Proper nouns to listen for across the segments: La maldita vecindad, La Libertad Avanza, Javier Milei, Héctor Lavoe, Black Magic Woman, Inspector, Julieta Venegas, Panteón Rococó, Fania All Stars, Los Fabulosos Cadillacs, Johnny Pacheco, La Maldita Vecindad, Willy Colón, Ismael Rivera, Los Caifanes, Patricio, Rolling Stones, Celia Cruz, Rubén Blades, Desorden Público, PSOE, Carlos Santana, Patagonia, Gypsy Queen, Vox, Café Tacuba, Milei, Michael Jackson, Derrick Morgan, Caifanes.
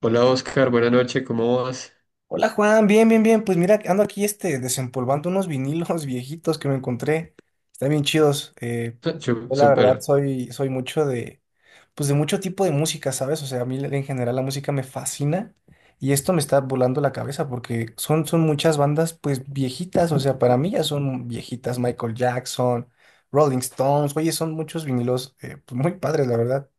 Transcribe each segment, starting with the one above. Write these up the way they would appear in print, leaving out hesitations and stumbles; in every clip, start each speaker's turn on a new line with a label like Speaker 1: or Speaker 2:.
Speaker 1: Hola Oscar, buenas noches, ¿cómo vas?
Speaker 2: Hola Juan, bien, bien, bien. Pues mira, ando aquí desempolvando unos vinilos viejitos que me encontré. Están bien chidos. Eh, yo la verdad
Speaker 1: Súper.
Speaker 2: soy mucho de, pues de mucho tipo de música, ¿sabes? O sea, a mí en general la música me fascina y esto me está volando la cabeza porque son muchas bandas pues viejitas. O sea, para mí ya son viejitas. Michael Jackson, Rolling Stones. Oye, son muchos vinilos pues, muy padres, la verdad.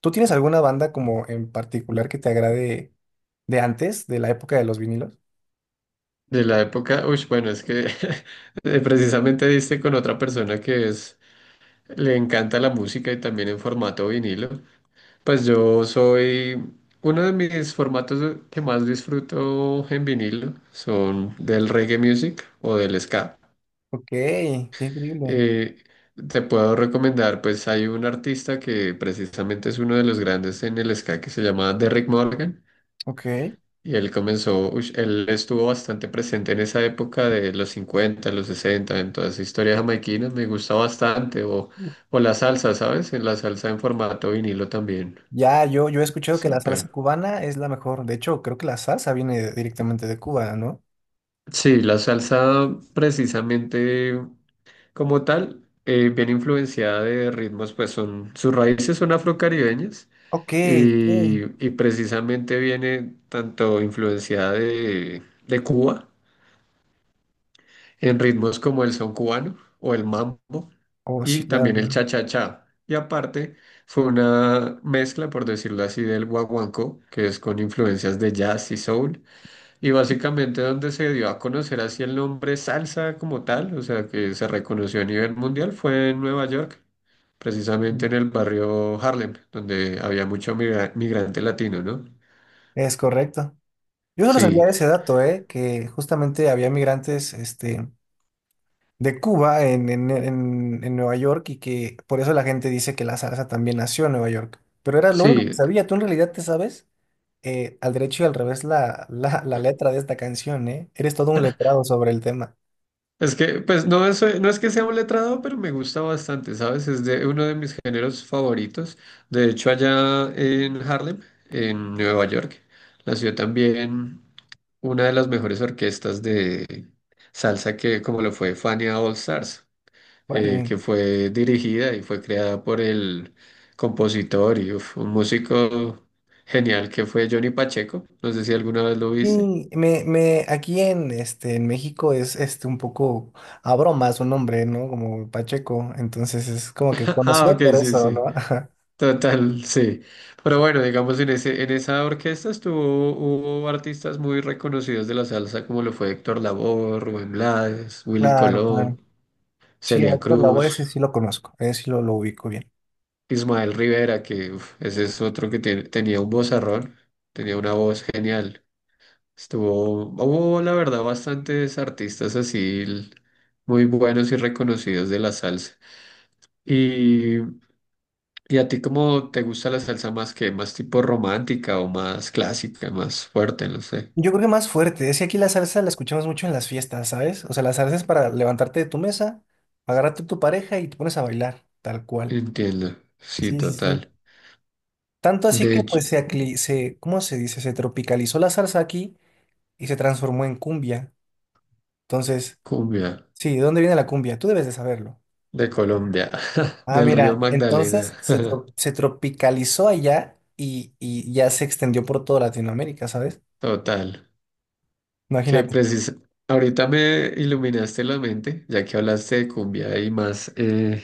Speaker 2: ¿Tú tienes alguna banda como en particular que te agrade de antes, de la época de los vinilos?
Speaker 1: De la época, uy, bueno, es que precisamente diste con otra persona que le encanta la música y también en formato vinilo. Pues yo soy uno de mis formatos que más disfruto en vinilo, son del reggae music o del ska.
Speaker 2: Ok, qué increíble.
Speaker 1: Eh, Te puedo recomendar, pues hay un artista que precisamente es uno de los grandes en el ska que se llama Derrick Morgan.
Speaker 2: Ok.
Speaker 1: Y él comenzó, ush, él estuvo bastante presente en esa época de los 50 los 60 en toda esa historia jamaiquina, me gusta bastante. O la salsa, ¿sabes? En la salsa en formato vinilo también.
Speaker 2: Ya, yo he escuchado que la salsa
Speaker 1: Súper.
Speaker 2: cubana es la mejor. De hecho, creo que la salsa viene directamente de Cuba, ¿no?
Speaker 1: Sí, la salsa precisamente como tal, bien influenciada de ritmos, pues sus raíces son afrocaribeñas
Speaker 2: Ok,
Speaker 1: y,
Speaker 2: ok.
Speaker 1: y precisamente viene tanto influenciada de Cuba en ritmos como el son cubano o el mambo
Speaker 2: Oh, sí,
Speaker 1: y
Speaker 2: claro,
Speaker 1: también el
Speaker 2: claro.
Speaker 1: cha-cha-cha. Y aparte fue una mezcla, por decirlo así, del guaguancó, que es con influencias de jazz y soul, y básicamente donde se dio a conocer así el nombre salsa como tal, o sea, que se reconoció a nivel mundial, fue en Nueva York,
Speaker 2: Mm,
Speaker 1: precisamente en el barrio Harlem, donde había mucho migrante latino, ¿no?
Speaker 2: es correcto. Yo solo
Speaker 1: Sí,
Speaker 2: sabía ese dato, ¿eh? Que justamente había migrantes, este, de Cuba en Nueva York y que por eso la gente dice que la salsa también nació en Nueva York. Pero era lo único que
Speaker 1: sí.
Speaker 2: sabía. ¿Tú en realidad te sabes al derecho y al revés la letra de esta canción, ¿eh? Eres todo un letrado sobre el tema.
Speaker 1: Es que, pues no es que sea un letrado, pero me gusta bastante, ¿sabes? Es de uno de mis géneros favoritos. De hecho, allá en Harlem, en Nueva York, nació también una de las mejores orquestas de salsa que, como lo fue Fania All Stars,
Speaker 2: Órale.
Speaker 1: que fue dirigida y fue creada por el compositor y uf, un músico genial que fue Johnny Pacheco. No sé si alguna vez lo viste.
Speaker 2: Sí, aquí en, este, en México es este, un poco a broma su nombre, ¿no? Como Pacheco, entonces es como que
Speaker 1: Ah,
Speaker 2: conocido
Speaker 1: ok,
Speaker 2: por
Speaker 1: sí,
Speaker 2: eso, ¿no?
Speaker 1: sí.
Speaker 2: Ajá.
Speaker 1: Total, sí. Pero bueno, digamos, en ese, en esa orquesta estuvo, hubo artistas muy reconocidos de la salsa, como lo fue Héctor Lavoe, Rubén Blades, Willy
Speaker 2: Claro, claro.
Speaker 1: Colón,
Speaker 2: Sí, a
Speaker 1: Celia
Speaker 2: Héctor Lavoe ese
Speaker 1: Cruz,
Speaker 2: sí lo conozco, ese sí lo ubico bien.
Speaker 1: Ismael Rivera, que uf, ese es otro que tenía un vozarrón, tenía una voz genial. Estuvo, hubo la verdad bastantes artistas así muy buenos y reconocidos de la salsa. ¿Y a ti cómo te gusta la salsa más, que más tipo romántica o más clásica, más fuerte? No sé.
Speaker 2: Yo creo que más fuerte, es que aquí la salsa la escuchamos mucho en las fiestas, ¿sabes? O sea, la salsa es para levantarte de tu mesa, agarrarte a tu pareja y te pones a bailar, tal cual.
Speaker 1: Entiendo. Sí,
Speaker 2: Sí, sí, sí.
Speaker 1: total.
Speaker 2: Tanto así
Speaker 1: De
Speaker 2: que
Speaker 1: hecho,
Speaker 2: pues ¿cómo se dice? Se tropicalizó la salsa aquí y se transformó en cumbia. Entonces,
Speaker 1: cumbia
Speaker 2: sí, ¿de dónde viene la cumbia? Tú debes de saberlo.
Speaker 1: de Colombia,
Speaker 2: Ah,
Speaker 1: del río
Speaker 2: mira,
Speaker 1: Magdalena.
Speaker 2: entonces se tropicalizó allá y ya se extendió por toda Latinoamérica, ¿sabes?
Speaker 1: Total. Que
Speaker 2: Imagínate.
Speaker 1: precisa. Ahorita me iluminaste la mente, ya que hablaste de cumbia y más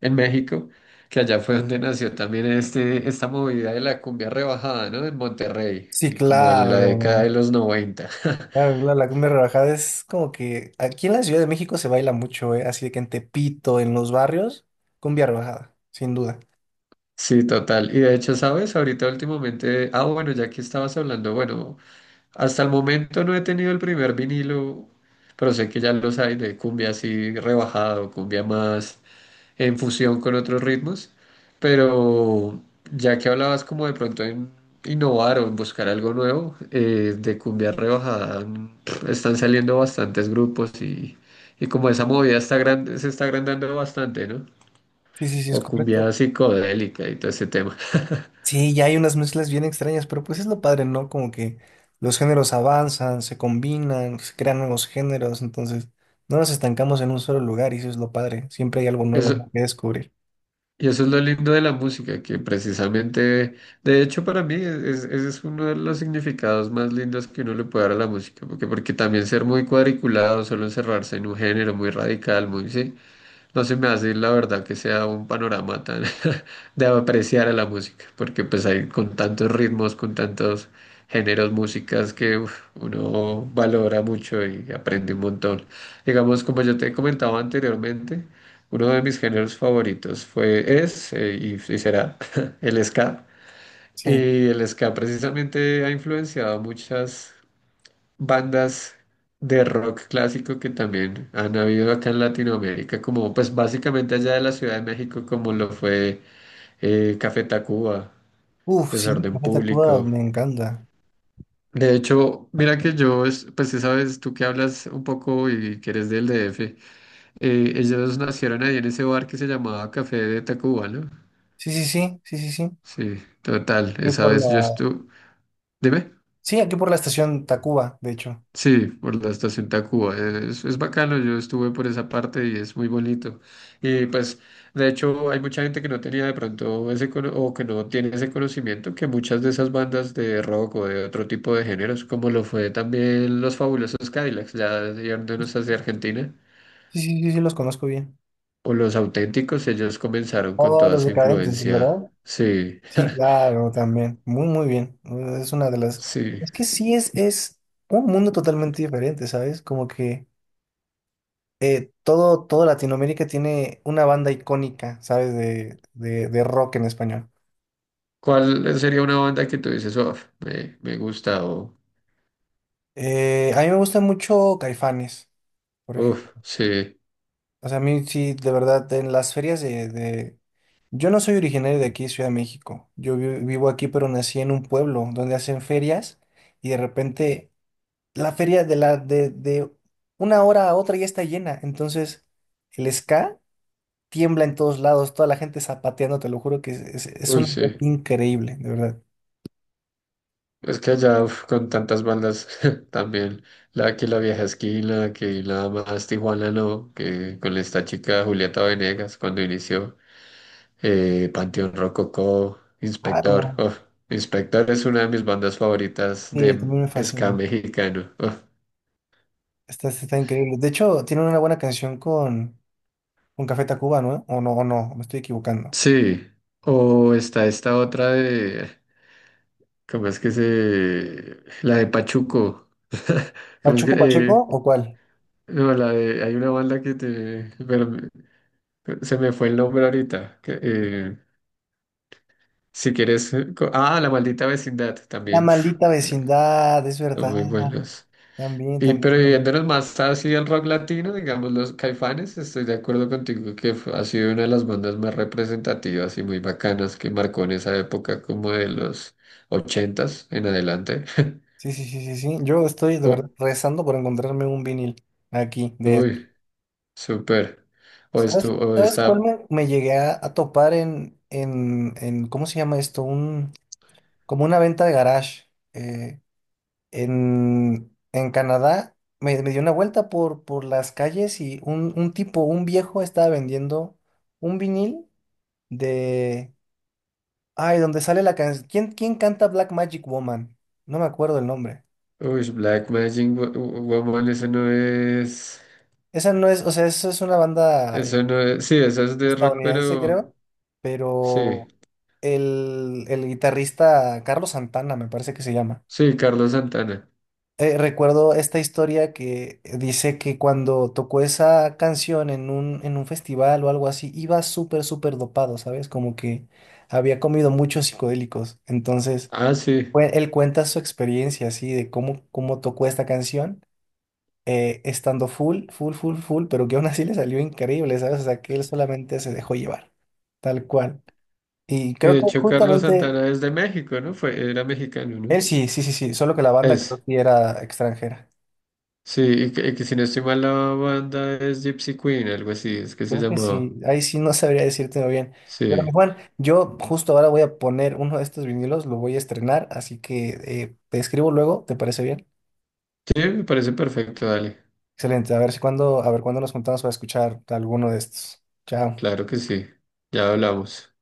Speaker 1: en México, que allá fue donde nació también este, esta movida de la cumbia rebajada, ¿no? En Monterrey,
Speaker 2: Sí,
Speaker 1: como en la década
Speaker 2: claro.
Speaker 1: de los 90.
Speaker 2: Claro, claro, la cumbia rebajada es como que aquí en la Ciudad de México se baila mucho, ¿eh? Así de que en Tepito, en los barrios, cumbia rebajada, sin duda.
Speaker 1: Sí, total. Y de hecho, ¿sabes? Ahorita últimamente, ah, bueno, ya que estabas hablando, bueno, hasta el momento no he tenido el primer vinilo, pero sé que ya los hay de cumbia así rebajado, cumbia más en fusión con otros ritmos, pero ya que hablabas como de pronto en innovar o en buscar algo nuevo, de cumbia rebajada están saliendo bastantes grupos y como esa movida está se está agrandando bastante, ¿no?
Speaker 2: Sí, sí, sí, es
Speaker 1: O cumbia
Speaker 2: correcto.
Speaker 1: psicodélica y todo ese tema.
Speaker 2: Sí, ya hay unas mezclas bien extrañas, pero pues es lo padre, ¿no? Como que los géneros avanzan, se combinan, se crean nuevos géneros, entonces no nos estancamos en un solo lugar y eso es lo padre. Siempre hay algo nuevo, ¿no?
Speaker 1: Eso,
Speaker 2: que descubrir.
Speaker 1: y eso es lo lindo de la música, que precisamente, de hecho para mí es, ese es uno de los significados más lindos que uno le puede dar a la música, porque también ser muy cuadriculado, solo encerrarse en un género muy radical, muy, sí, no se me hace la verdad que sea un panorama tan de apreciar a la música, porque pues hay con tantos ritmos, con tantos géneros, músicas que uf, uno valora mucho y aprende un montón. Digamos, como yo te he comentado anteriormente, uno de mis géneros favoritos fue, es y será el ska.
Speaker 2: Sí.
Speaker 1: Y el ska precisamente ha influenciado muchas bandas de rock clásico que también han habido acá en Latinoamérica, como pues básicamente allá de la Ciudad de México, como lo fue Café Tacuba,
Speaker 2: Uf, sí,
Speaker 1: Desorden
Speaker 2: Café Tacuba
Speaker 1: Público.
Speaker 2: me encanta.
Speaker 1: De hecho, mira que yo, pues sí sabes, tú que hablas un poco y que eres del DF, ellos nacieron ahí en ese bar que se llamaba Café de Tacuba, ¿no?
Speaker 2: Sí, sí, sí, sí, sí, sí.
Speaker 1: Sí, total,
Speaker 2: Y
Speaker 1: esa
Speaker 2: por
Speaker 1: vez yo
Speaker 2: la...
Speaker 1: estuve... Dime.
Speaker 2: Sí, aquí por la estación Tacuba, de hecho.
Speaker 1: Sí, por la estación Tacuba. Es bacano, yo estuve por esa parte y es muy bonito. Y pues, de hecho, hay mucha gente que no tenía de pronto ese o que no tiene ese conocimiento que muchas de esas bandas de rock o de otro tipo de géneros, como lo fue también los Fabulosos Cadillacs, ya yéndonos hacia Argentina,
Speaker 2: Sí, sí, sí, sí, los conozco bien.
Speaker 1: o los auténticos, ellos comenzaron con
Speaker 2: Todos
Speaker 1: toda
Speaker 2: los
Speaker 1: esa
Speaker 2: decadentes, ¿verdad?
Speaker 1: influencia. Sí,
Speaker 2: Sí, claro, también. Muy, muy bien. Es una de las...
Speaker 1: sí.
Speaker 2: Es que sí es un mundo totalmente diferente, ¿sabes? Como que todo Latinoamérica tiene una banda icónica, ¿sabes? De rock en español.
Speaker 1: ¿Cuál sería una banda que tú dices, "Uf, me gusta o,
Speaker 2: A mí me gusta mucho Caifanes, por ejemplo.
Speaker 1: uff, sí,
Speaker 2: O sea, a mí sí, de verdad, en las ferias de- Yo no soy originario de aquí, Ciudad de México. Vivo aquí, pero nací en un pueblo donde hacen ferias y de repente... la feria de una hora a otra ya está llena. Entonces, el ska tiembla en todos lados, toda la gente zapateando, te lo juro que es
Speaker 1: uy,
Speaker 2: un ambiente
Speaker 1: sí.
Speaker 2: increíble, de verdad.
Speaker 1: Es que allá, uf, con tantas bandas también, la que la vieja esquina, que nada más Tijuana no, que con esta chica Julieta Venegas cuando inició, Panteón Rococó, Inspector,
Speaker 2: Claro,
Speaker 1: uf, Inspector es una de mis bandas favoritas
Speaker 2: sí,
Speaker 1: de
Speaker 2: también me
Speaker 1: ska
Speaker 2: fascina.
Speaker 1: mexicano. Uf.
Speaker 2: Está, está increíble. De hecho, tiene una buena canción con Café Tacuba, ¿no? O no, o no, me estoy equivocando.
Speaker 1: Sí, o está esta otra de, ¿cómo es que se? La de Pachuco. ¿Cómo es que?
Speaker 2: ¿Pachuco Pacheco o cuál?
Speaker 1: No, la de, hay una banda que te, se me fue el nombre ahorita, que, si quieres. Ah, La Maldita Vecindad
Speaker 2: La
Speaker 1: también. Uf,
Speaker 2: Maldita
Speaker 1: mira,
Speaker 2: Vecindad, es
Speaker 1: son
Speaker 2: verdad.
Speaker 1: muy buenos.
Speaker 2: También,
Speaker 1: Y, pero
Speaker 2: también, también.
Speaker 1: yéndonos más así al rock latino, digamos los Caifanes, estoy de acuerdo contigo que ha sido una de las bandas más representativas y muy bacanas que marcó en esa época como de los ochentas en adelante.
Speaker 2: Sí, sí, sí, sí, sí. Yo estoy de verdad
Speaker 1: Oh,
Speaker 2: rezando por encontrarme un vinil aquí de
Speaker 1: uy, súper. O, esto,
Speaker 2: ¿sabes,
Speaker 1: o
Speaker 2: sabes cuál
Speaker 1: esta,
Speaker 2: me llegué a topar en, ¿cómo se llama esto? Un, como una venta de garage. En Canadá me dio una vuelta por las calles y un tipo, un viejo, estaba vendiendo un vinil de... Ay, donde sale la canción. Quién canta Black Magic Woman? No me acuerdo el nombre.
Speaker 1: uy, Black Magic Woman, ese no es.
Speaker 2: Esa no es, o sea, eso es una banda
Speaker 1: Eso no es, sí, esa es de rock,
Speaker 2: estadounidense,
Speaker 1: pero
Speaker 2: creo,
Speaker 1: sí,
Speaker 2: pero el guitarrista Carlos Santana, me parece que se llama.
Speaker 1: sí, Carlos Santana.
Speaker 2: Recuerdo esta historia que dice que cuando tocó esa canción en en un festival o algo así, iba súper, súper dopado, ¿sabes? Como que había comido muchos psicodélicos. Entonces,
Speaker 1: Ah, sí.
Speaker 2: él cuenta su experiencia así de cómo, cómo tocó esta canción, estando full, full, full, full, pero que aún así le salió increíble, ¿sabes? O sea, que él solamente se dejó llevar, tal cual. Y
Speaker 1: Y
Speaker 2: creo
Speaker 1: de
Speaker 2: que
Speaker 1: hecho, Carlos
Speaker 2: justamente
Speaker 1: Santana es de México, ¿no? Fue, era mexicano, ¿no?
Speaker 2: él sí, sí, sí, sí, solo que la banda creo
Speaker 1: Es,
Speaker 2: que era extranjera.
Speaker 1: sí, y que si no estoy mal, la banda es Gypsy Queen, algo así, es que se
Speaker 2: Creo que
Speaker 1: llamaba.
Speaker 2: sí, ahí sí no sabría decirte bien. Pero mi
Speaker 1: Sí,
Speaker 2: Juan, yo justo ahora voy a poner uno de estos vinilos, lo voy a estrenar, así que te escribo luego, ¿te parece bien?
Speaker 1: sí, me parece perfecto, dale.
Speaker 2: Excelente, a ver si cuando, a ver cuándo nos juntamos para escuchar alguno de estos. Chao.
Speaker 1: Claro que sí, ya hablamos.